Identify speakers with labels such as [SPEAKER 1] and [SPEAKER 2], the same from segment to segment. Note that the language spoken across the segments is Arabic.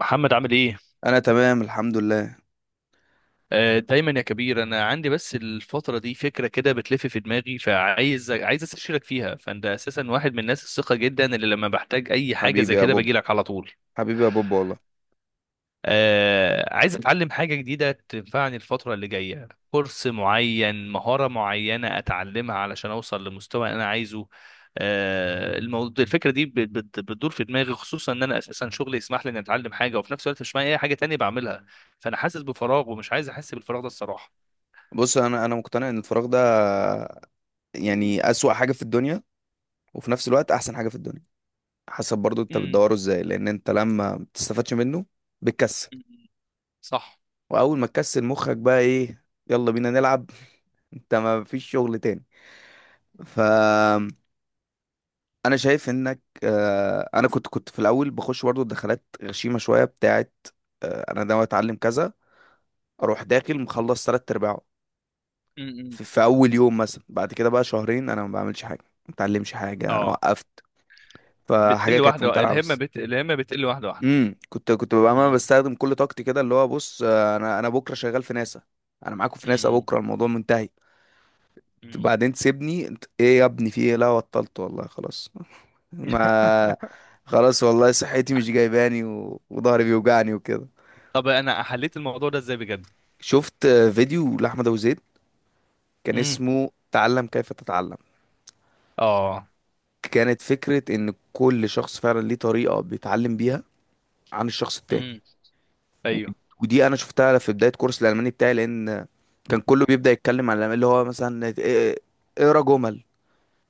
[SPEAKER 1] محمد عامل ايه؟
[SPEAKER 2] انا تمام الحمد لله.
[SPEAKER 1] آه، دايما يا كبير. انا عندي بس الفترة دي فكرة كده بتلف في دماغي، فعايز عايز استشيرك فيها. فانت اساسا واحد من الناس الثقة جدا، اللي لما بحتاج اي حاجة
[SPEAKER 2] حبيبي
[SPEAKER 1] زي
[SPEAKER 2] يا
[SPEAKER 1] كده
[SPEAKER 2] بوب.
[SPEAKER 1] باجي لك على طول.
[SPEAKER 2] حبيبي يا بوب والله.
[SPEAKER 1] آه، عايز اتعلم حاجة جديدة تنفعني الفترة اللي جاية، كورس معين، مهارة معينة اتعلمها علشان اوصل لمستوى انا عايزه. آه، الموضوع الفكرة دي بتدور في دماغي، خصوصا ان انا اساسا شغلي يسمح لي اني اتعلم حاجة، وفي نفس الوقت مش معايا اي حاجة تانية بعملها. فانا حاسس بفراغ ومش عايز احس بالفراغ ده الصراحة.
[SPEAKER 2] بص، انا مقتنع ان الفراغ ده يعني اسوأ حاجة في الدنيا، وفي نفس الوقت احسن حاجة في الدنيا. حسب برضو انت
[SPEAKER 1] امم.
[SPEAKER 2] بتدوره ازاي، لان انت لما ما بتستفادش منه بتكسل.
[SPEAKER 1] أمم. صح.
[SPEAKER 2] واول ما تكسل مخك بقى ايه؟ يلا بينا نلعب. انت ما فيش شغل تاني؟ ف انا شايف انك، انا كنت في الاول بخش برضو دخلات غشيمة شوية بتاعت انا ناوي اتعلم كذا. اروح داخل مخلص ثلاث ارباعه
[SPEAKER 1] امم.
[SPEAKER 2] في اول يوم مثلا. بعد كده بقى شهرين انا ما بعملش حاجه، ما اتعلمش حاجه، انا
[SPEAKER 1] اه.
[SPEAKER 2] وقفت. فحاجه
[SPEAKER 1] بتقل
[SPEAKER 2] كانت
[SPEAKER 1] واحدة،
[SPEAKER 2] ممتلعه
[SPEAKER 1] الهمة
[SPEAKER 2] بس.
[SPEAKER 1] الهمة بتقل واحدة واحدة.
[SPEAKER 2] كنت ببقى انا
[SPEAKER 1] امم.
[SPEAKER 2] بستخدم كل طاقتي كده، اللي هو بص انا بكره شغال في ناسا، انا معاكم في ناسا،
[SPEAKER 1] أمم.
[SPEAKER 2] بكره الموضوع منتهي.
[SPEAKER 1] أمم.
[SPEAKER 2] بعدين تسيبني، ايه يا ابني، في ايه؟ لا بطلت والله، خلاص ما خلاص والله صحتي مش جايباني، وضهري بيوجعني وكده.
[SPEAKER 1] طب انا حليت الموضوع ده ازاي بجد؟
[SPEAKER 2] شفت فيديو لاحمد ابو زيد. كان اسمه تعلم كيف تتعلم.
[SPEAKER 1] اه.
[SPEAKER 2] كانت فكرة ان كل شخص فعلا ليه طريقة بيتعلم بيها عن الشخص التاني.
[SPEAKER 1] امم.
[SPEAKER 2] و-
[SPEAKER 1] ايوه.
[SPEAKER 2] ودي انا شفتها في بداية كورس الالماني بتاعي، لان كان كله بيبدأ يتكلم عن الألماني اللي هو مثلا اقرا جمل،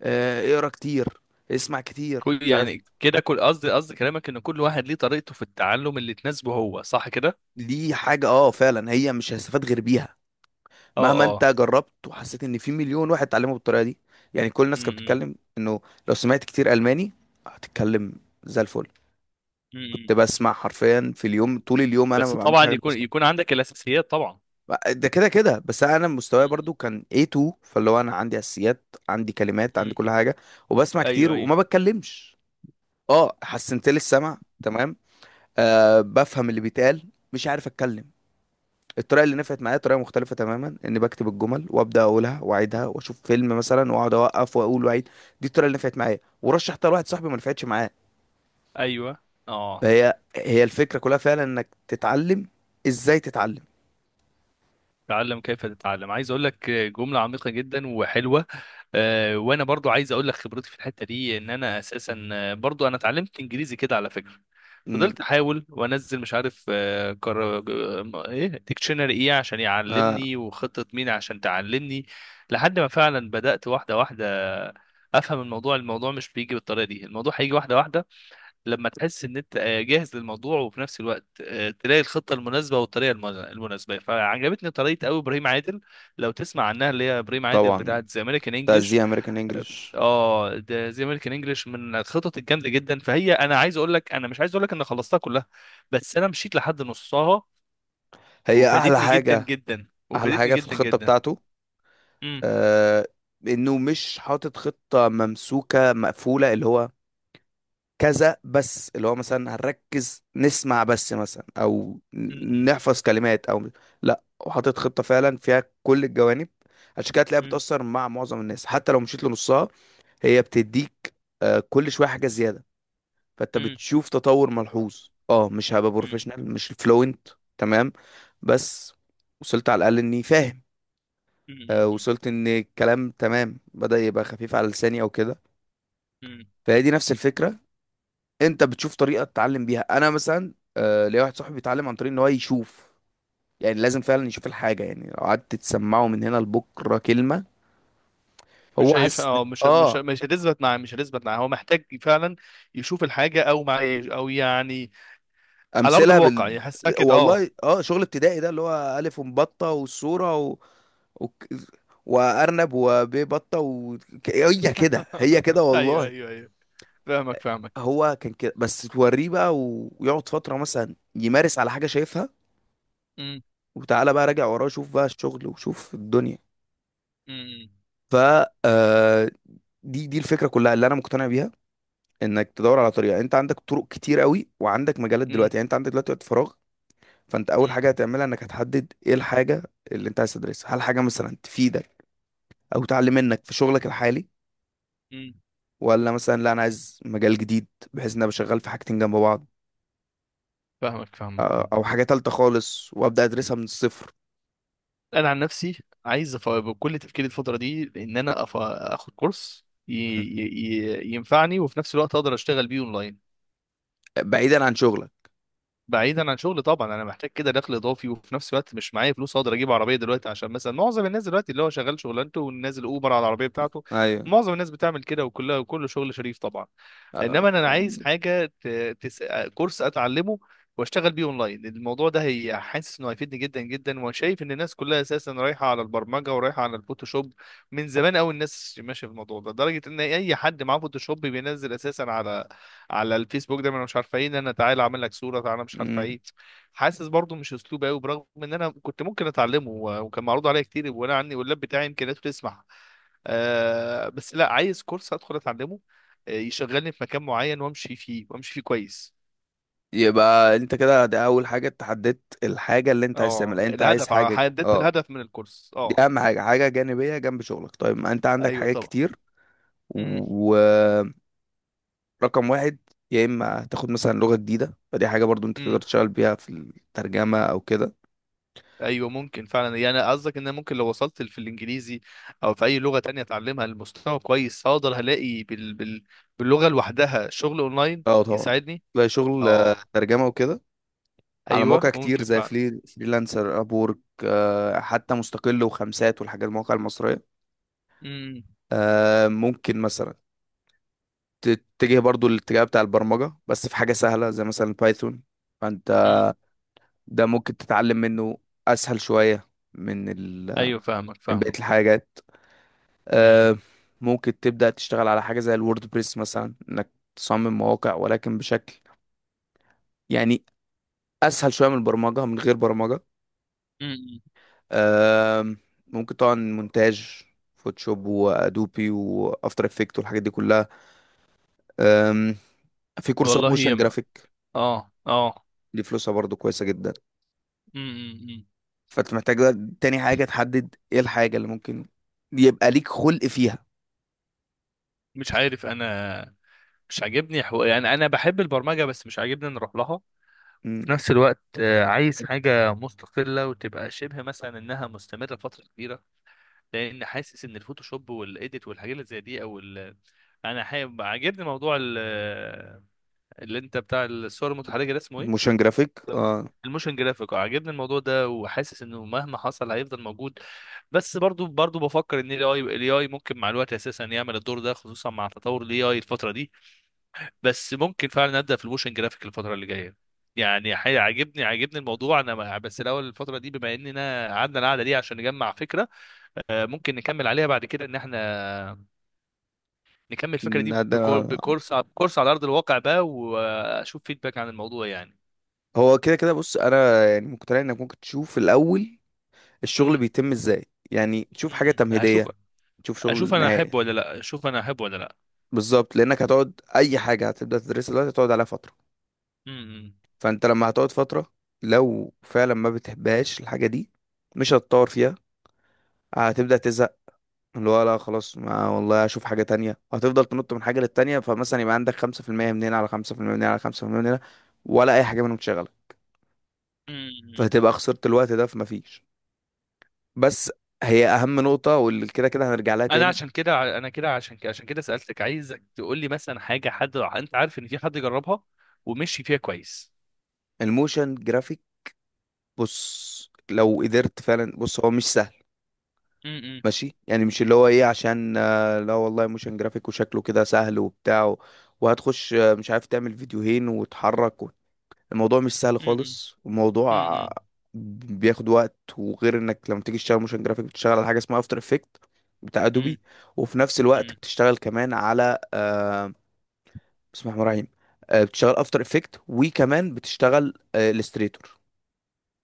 [SPEAKER 2] اقرا كتير، اسمع كتير،
[SPEAKER 1] كل
[SPEAKER 2] مش عارف.
[SPEAKER 1] يعني كده، كل قصدي كلامك ان كل واحد ليه طريقته في التعلم اللي تناسبه هو، صح كده؟
[SPEAKER 2] دي حاجة اه فعلا هي مش هستفاد غير بيها.
[SPEAKER 1] اه.
[SPEAKER 2] مهما انت
[SPEAKER 1] اه.
[SPEAKER 2] جربت وحسيت ان في مليون واحد اتعلمه بالطريقة دي. يعني كل الناس كانت
[SPEAKER 1] امم.
[SPEAKER 2] بتتكلم انه لو سمعت كتير الماني هتتكلم زي الفل. كنت
[SPEAKER 1] امم.
[SPEAKER 2] بسمع حرفيا في اليوم طول اليوم، انا ما
[SPEAKER 1] بس
[SPEAKER 2] بعملش
[SPEAKER 1] طبعا
[SPEAKER 2] حاجة
[SPEAKER 1] يكون عندك الاساسيات طبعا.
[SPEAKER 2] ده كده كده بس. انا مستواي برضو كان A2، فاللي هو انا عندي اساسيات، عندي كلمات، عندي
[SPEAKER 1] امم.
[SPEAKER 2] كل حاجه. وبسمع كتير
[SPEAKER 1] ايوه، ايوه،
[SPEAKER 2] وما بتكلمش. اه حسنت لي السمع تمام. بفهم اللي بيتقال، مش عارف اتكلم. الطريقه اللي نفعت معايا طريقه مختلفه تماما، اني بكتب الجمل وابدا اقولها واعيدها واشوف فيلم مثلا واقعد اوقف واقول واعيد. دي الطريقه اللي نفعت معايا ورشحتها لواحد صاحبي ما نفعتش معاه.
[SPEAKER 1] ايوه. اه.
[SPEAKER 2] فهي الفكره كلها فعلا، انك تتعلم ازاي تتعلم.
[SPEAKER 1] تعلم كيف تتعلم. عايز اقول لك جملة عميقة جدا وحلوة. وانا برضو عايز اقول لك خبرتي في الحته دي، ان انا اساسا برضو انا اتعلمت انجليزي كده على فكره.
[SPEAKER 2] امم
[SPEAKER 1] فضلت احاول وانزل، مش عارف آه، كر... آه، ايه ديكشنري، ايه عشان
[SPEAKER 2] اه
[SPEAKER 1] يعلمني، وخطه مين عشان تعلمني. لحد ما فعلا بدات واحده واحده افهم الموضوع. الموضوع مش بيجي بالطريقه دي، الموضوع هيجي واحده واحده. لما تحس ان انت جاهز للموضوع، وفي نفس الوقت تلاقي الخطه المناسبه والطريقه المناسبه. فعجبتني طريقه قوي ابراهيم عادل، لو تسمع عنها، اللي هي ابراهيم عادل
[SPEAKER 2] طبعا.
[SPEAKER 1] بتاعت ذا امريكان
[SPEAKER 2] ده
[SPEAKER 1] انجلش.
[SPEAKER 2] زي امريكان انجلش.
[SPEAKER 1] اه، ده زي امريكان انجلش من الخطط الجامده جدا. فهي، انا عايز اقول لك، انا مش عايز اقول لك ان خلصتها كلها، بس انا مشيت لحد نصها
[SPEAKER 2] هي احلى
[SPEAKER 1] وفادتني جدا
[SPEAKER 2] حاجه.
[SPEAKER 1] جدا،
[SPEAKER 2] احلى
[SPEAKER 1] وفادتني
[SPEAKER 2] حاجه في
[SPEAKER 1] جدا
[SPEAKER 2] الخطه
[SPEAKER 1] جدا.
[SPEAKER 2] بتاعته
[SPEAKER 1] امم.
[SPEAKER 2] آه انه مش حاطط خطه ممسوكه مقفوله، اللي هو كذا بس، اللي هو مثلا هنركز نسمع بس مثلا، او
[SPEAKER 1] امم.
[SPEAKER 2] نحفظ كلمات، او لا، وحاطط خطه فعلا فيها كل الجوانب. عشان كده تلاقيها
[SPEAKER 1] امم.
[SPEAKER 2] بتاثر مع معظم الناس حتى لو مشيت لنصها. هي بتديك كل شويه حاجه زياده. فانت
[SPEAKER 1] امم.
[SPEAKER 2] بتشوف تطور ملحوظ، اه مش هبقى
[SPEAKER 1] امم.
[SPEAKER 2] بروفيشنال مش فلوينت. تمام، بس وصلت على الاقل اني فاهم.
[SPEAKER 1] امم.
[SPEAKER 2] وصلت ان الكلام تمام بدأ يبقى خفيف على لساني او كده.
[SPEAKER 1] امم.
[SPEAKER 2] فهي دي نفس الفكرة. انت بتشوف طريقة تتعلم بيها، انا مثلا ليا واحد صاحبي بيتعلم عن طريق ان هو يشوف. يعني لازم فعلا يشوف الحاجة، يعني لو قعدت تسمعه من هنا لبكرة كلمة.
[SPEAKER 1] مش
[SPEAKER 2] هو
[SPEAKER 1] هيف
[SPEAKER 2] حاسس
[SPEAKER 1] اه مش مش
[SPEAKER 2] اه،
[SPEAKER 1] مش هتثبت معاه، هو محتاج فعلا يشوف الحاجه، او يعني على ارض
[SPEAKER 2] امثلة
[SPEAKER 1] الواقع يحسها كده، اه.
[SPEAKER 2] والله. اه شغل ابتدائي ده اللي هو الف ومبطة والصورة و... وارنب وبيه بطة هي كده هي كده
[SPEAKER 1] ايوه،
[SPEAKER 2] والله.
[SPEAKER 1] ايوه، ايوه. فاهمك فاهمك.
[SPEAKER 2] هو كان كده بس توريه بقى ويقعد فترة مثلا يمارس على حاجة شايفها.
[SPEAKER 1] امم.
[SPEAKER 2] وتعالى بقى راجع وراه، شوف بقى الشغل وشوف الدنيا.
[SPEAKER 1] امم.
[SPEAKER 2] ف آه، دي الفكرة كلها اللي انا مقتنع بيها. انك تدور على طريقة، انت عندك طرق كتير قوي وعندك مجالات
[SPEAKER 1] امم.
[SPEAKER 2] دلوقتي، يعني انت عندك دلوقتي وقت فراغ. فانت اول حاجة هتعملها انك هتحدد ايه الحاجة اللي انت عايز تدرسها، هل حاجة مثلا تفيدك او تعلم منك في شغلك الحالي،
[SPEAKER 1] امم.
[SPEAKER 2] ولا مثلا لا انا عايز مجال جديد، بحيث ان انا بشغال في حاجتين جنب بعض.
[SPEAKER 1] فاهمك فاهمك فاهمك.
[SPEAKER 2] او حاجة تالتة خالص وابدا ادرسها من الصفر،
[SPEAKER 1] انا عن نفسي عايز بكل تفكيري الفتره دي ان انا اخد كورس ينفعني، وفي نفس الوقت اقدر اشتغل بيه اونلاين
[SPEAKER 2] بعيدا عن شغلك.
[SPEAKER 1] بعيدا عن شغل طبعا. انا محتاج كده دخل اضافي، وفي نفس الوقت مش معايا فلوس اقدر اجيب عربيه دلوقتي، عشان مثلا معظم الناس دلوقتي اللي هو شغال شغلانته ونازل اوبر على العربيه بتاعته.
[SPEAKER 2] ايوه،
[SPEAKER 1] معظم الناس بتعمل كده، وكلها وكل شغل شريف طبعا.
[SPEAKER 2] آه،
[SPEAKER 1] انما انا
[SPEAKER 2] آه،
[SPEAKER 1] عايز حاجه تس... كورس اتعلمه واشتغل بيه اونلاين. الموضوع ده هي حاسس انه هيفيدني جدا جدا، وشايف ان الناس كلها اساسا رايحه على البرمجه ورايحه على الفوتوشوب. من زمان قوي الناس ماشيه في الموضوع ده، لدرجه ان اي حد معاه فوتوشوب بينزل اساسا على الفيسبوك دايما، أنا مش عارفه ايه، ان انا تعالى اعمل لك صوره، تعالى مش عارفه
[SPEAKER 2] مم.
[SPEAKER 1] ايه. حاسس برضو مش اسلوب قوي، برغم ان انا كنت ممكن اتعلمه وكان معروض عليا كتير، وانا عندي واللاب بتاعي امكانياته تسمح. آه، بس لا، عايز كورس ادخل اتعلمه. يشغلني في مكان معين وامشي فيه، وامشي فيه كويس.
[SPEAKER 2] يبقى انت كده، ده اول حاجه، أنت حددت الحاجه اللي انت عايز
[SPEAKER 1] اه،
[SPEAKER 2] تعملها، انت عايز
[SPEAKER 1] الهدف،
[SPEAKER 2] حاجه
[SPEAKER 1] حددت
[SPEAKER 2] اه
[SPEAKER 1] الهدف من الكورس،
[SPEAKER 2] دي
[SPEAKER 1] اه.
[SPEAKER 2] اهم حاجه، حاجه جانبيه جنب شغلك، طيب ما انت عندك
[SPEAKER 1] ايوه
[SPEAKER 2] حاجات
[SPEAKER 1] طبعا.
[SPEAKER 2] كتير،
[SPEAKER 1] امم.
[SPEAKER 2] ورقم واحد. يا اما تاخد مثلا لغه جديده، فدي حاجه برضو انت تقدر
[SPEAKER 1] إمم.
[SPEAKER 2] تشتغل بيها في الترجمه او كده.
[SPEAKER 1] ايوه ممكن فعلا. يعني قصدك ان أنا ممكن لو وصلت في الانجليزي او في اي لغه تانية اتعلمها لمستوى كويس، هقدر هلاقي باللغه لوحدها شغل اونلاين
[SPEAKER 2] اه طبعا.
[SPEAKER 1] يساعدني.
[SPEAKER 2] تلاقي شغل
[SPEAKER 1] اه.
[SPEAKER 2] ترجمه وكده على
[SPEAKER 1] ايوه
[SPEAKER 2] مواقع كتير
[SPEAKER 1] ممكن
[SPEAKER 2] زي
[SPEAKER 1] فعلا.
[SPEAKER 2] فري فريلانسر ابورك، حتى مستقل وخمسات والحاجات المواقع المصريه.
[SPEAKER 1] امم.
[SPEAKER 2] ممكن مثلا تتجه برضو الاتجاه بتاع البرمجة، بس في حاجة سهلة زي مثلا بايثون. فانت
[SPEAKER 1] أمم.
[SPEAKER 2] ده ممكن تتعلم منه، اسهل شوية من ال...
[SPEAKER 1] ايوه. فاهمك
[SPEAKER 2] من بقية
[SPEAKER 1] فاهمك.
[SPEAKER 2] الحاجات.
[SPEAKER 1] امم.
[SPEAKER 2] آه، ممكن تبدأ تشتغل على حاجة زي الووردبريس مثلا، انك تصمم مواقع ولكن بشكل يعني اسهل شوية من البرمجة، من غير برمجة.
[SPEAKER 1] أمم.
[SPEAKER 2] آه، ممكن طبعا مونتاج، فوتوشوب وادوبي وافتر افكت والحاجات دي كلها. آم، في كورسات
[SPEAKER 1] والله
[SPEAKER 2] موشن
[SPEAKER 1] يما.
[SPEAKER 2] جرافيك،
[SPEAKER 1] اه، اه.
[SPEAKER 2] دي فلوسها برضو كويسة جدا.
[SPEAKER 1] امم. أمم.
[SPEAKER 2] فانت محتاج بقى تاني حاجة تحدد ايه الحاجة اللي ممكن يبقى ليك خلق فيها.
[SPEAKER 1] مش عارف انا. مش عاجبني يعني انا بحب البرمجه، بس مش عاجبني ان اروح لها. في
[SPEAKER 2] مم.
[SPEAKER 1] نفس الوقت عايز حاجه مستقله وتبقى شبه مثلا انها مستمره فتره كبيره. لان حاسس ان الفوتوشوب والايديت والحاجات اللي زي دي انا حابب، عاجبني موضوع اللي انت بتاع الصور المتحركه ده اسمه ايه؟
[SPEAKER 2] موشن جرافيك اه.
[SPEAKER 1] الموشن جرافيك، عاجبني الموضوع ده، وحاسس انه مهما حصل هيفضل موجود. بس برضو برضو بفكر ان الاي الاي اي ممكن مع الوقت اساسا يعمل الدور ده، خصوصا مع تطور الاي اي الفتره دي. بس ممكن فعلا ابدا في الموشن جرافيك الفتره اللي جايه. يعني عاجبني عاجبني الموضوع انا. بس الاول الفتره دي، بما اننا قعدنا القعده دي عشان نجمع فكره، ممكن نكمل عليها بعد كده، ان احنا نكمل الفكره دي
[SPEAKER 2] ده
[SPEAKER 1] بكورس على ارض الواقع بقى، واشوف فيدباك عن الموضوع يعني.
[SPEAKER 2] هو كده كده، بص انا يعني مقتنع انك ممكن تشوف الاول الشغل
[SPEAKER 1] امم.
[SPEAKER 2] بيتم ازاي، يعني تشوف حاجة
[SPEAKER 1] أمم. هشوف.
[SPEAKER 2] تمهيدية، تشوف
[SPEAKER 1] اشوف
[SPEAKER 2] شغل
[SPEAKER 1] انا
[SPEAKER 2] نهائي.
[SPEAKER 1] احبه ولا لا، اشوف انا احبه ولا لا.
[SPEAKER 2] بالظبط، لانك هتقعد، اي حاجة هتبدأ تدرسها دلوقتي هتقعد عليها فترة.
[SPEAKER 1] امم.
[SPEAKER 2] فانت لما هتقعد فترة، لو فعلا ما بتحبهاش الحاجة دي، مش هتطور فيها، هتبدأ تزهق، اللي هو لا خلاص ما والله اشوف حاجة تانية، هتفضل تنط من حاجة للتانية. فمثلا يبقى عندك 5% من هنا على 5% من هنا على خمسة في المية من هنا، ولا أي حاجة منهم شغالة.
[SPEAKER 1] أمم.
[SPEAKER 2] فهتبقى خسرت الوقت ده، فما فيش. بس هي أهم نقطة، واللي كده كده هنرجع لها
[SPEAKER 1] انا
[SPEAKER 2] تاني.
[SPEAKER 1] عشان كده انا كده عشان كده عشان كده سالتك عايزك تقول لي مثلا حاجه، حد انت عارف ان في حد جربها ومشي فيها كويس.
[SPEAKER 2] الموشن جرافيك، بص لو قدرت فعلا، بص هو مش سهل.
[SPEAKER 1] امم.
[SPEAKER 2] ماشي، يعني مش اللي هو ايه، عشان لا والله موشن جرافيك وشكله كده سهل وبتاع، وهتخش مش عارف تعمل فيديوهين وتحرك، الموضوع مش سهل
[SPEAKER 1] أمم.
[SPEAKER 2] خالص. الموضوع
[SPEAKER 1] أمم.
[SPEAKER 2] بياخد وقت، وغير انك لما تيجي تشتغل موشن جرافيك بتشتغل على حاجه اسمها افتر افكت، بتاع
[SPEAKER 1] أمم.
[SPEAKER 2] ادوبي. وفي نفس الوقت
[SPEAKER 1] أمم.
[SPEAKER 2] بتشتغل كمان على بسم الله الرحمن الرحيم. بتشتغل افتر افكت، وكمان بتشتغل الستريتور.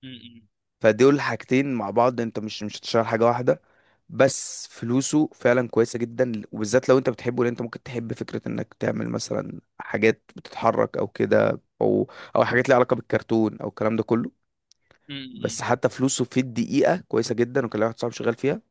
[SPEAKER 1] أمم.
[SPEAKER 2] فدول الحاجتين مع بعض، انت مش هتشتغل حاجه واحده. بس فلوسه فعلا كويسه جدا، وبالذات لو انت بتحبه، لان انت ممكن تحب فكره انك تعمل مثلا حاجات بتتحرك او كده، او حاجات ليها علاقه بالكرتون او الكلام ده كله. بس
[SPEAKER 1] أمم.
[SPEAKER 2] حتى فلوسه في الدقيقة كويسة جدا، وكان ليا واحد صاحبي شغال فيها،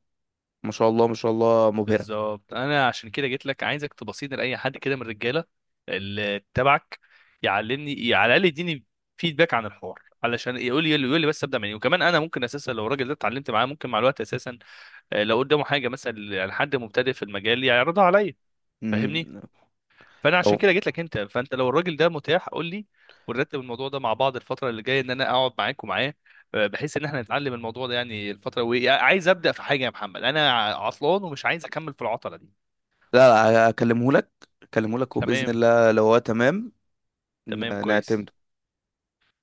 [SPEAKER 2] ما شاء الله ما شاء الله مبهرة.
[SPEAKER 1] بالظبط، انا عشان كده جيت لك عايزك تبصيني لاي حد كده من الرجاله اللي تبعك يعلمني، على الاقل يديني فيدباك عن الحوار، علشان يقول لي بس ابدا منين. وكمان انا ممكن اساسا لو الراجل ده اتعلمت معاه، ممكن مع الوقت اساسا لو قدامه حاجه مثلا لحد مبتدئ في المجال يعرضها عليا.
[SPEAKER 2] مم.
[SPEAKER 1] فاهمني؟ فانا عشان
[SPEAKER 2] لو
[SPEAKER 1] كده جيت لك انت، فانت لو الراجل ده متاح قول لي، ونرتب الموضوع ده مع بعض الفتره اللي جايه، ان انا اقعد معاك ومعاه، بحيث ان احنا نتعلم الموضوع ده. يعني الفتره، وعايز ابدا في حاجه يا محمد، انا عطلان ومش عايز اكمل في العطله دي.
[SPEAKER 2] لا لا، اكلمه لك. اكلمه لك وبإذن
[SPEAKER 1] تمام.
[SPEAKER 2] الله لو هو تمام
[SPEAKER 1] تمام كويس.
[SPEAKER 2] نعتمده.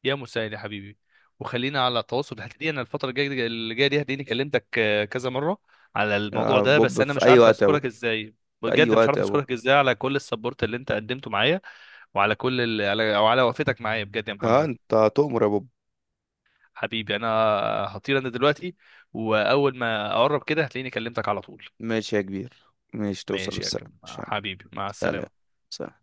[SPEAKER 1] يا مساعد يا حبيبي، وخلينا على تواصل. هتلاقي انا الفتره الجايه اللي جايه دي هتلاقيني كلمتك كذا مره على الموضوع
[SPEAKER 2] يا
[SPEAKER 1] ده. بس
[SPEAKER 2] بوب
[SPEAKER 1] انا
[SPEAKER 2] في
[SPEAKER 1] مش
[SPEAKER 2] أي
[SPEAKER 1] عارف
[SPEAKER 2] وقت يا بوب.
[SPEAKER 1] اذكرك ازاي
[SPEAKER 2] في أي
[SPEAKER 1] بجد، مش
[SPEAKER 2] وقت
[SPEAKER 1] عارف
[SPEAKER 2] يا بوب.
[SPEAKER 1] اذكرك ازاي على كل السبورت اللي انت قدمته معايا، وعلى كل على او على وقفتك معايا، بجد يا
[SPEAKER 2] اه
[SPEAKER 1] محمد.
[SPEAKER 2] انت تؤمر يا بوب.
[SPEAKER 1] حبيبي انا. هطير انا دلوقتي، واول ما اقرب كده هتلاقيني كلمتك على طول.
[SPEAKER 2] ماشي يا كبير. ماشي توصل
[SPEAKER 1] ماشي يا
[SPEAKER 2] بالسلامة. ماشي يا عم.
[SPEAKER 1] حبيبي، مع
[SPEAKER 2] سلام.
[SPEAKER 1] السلامه.
[SPEAKER 2] سلام.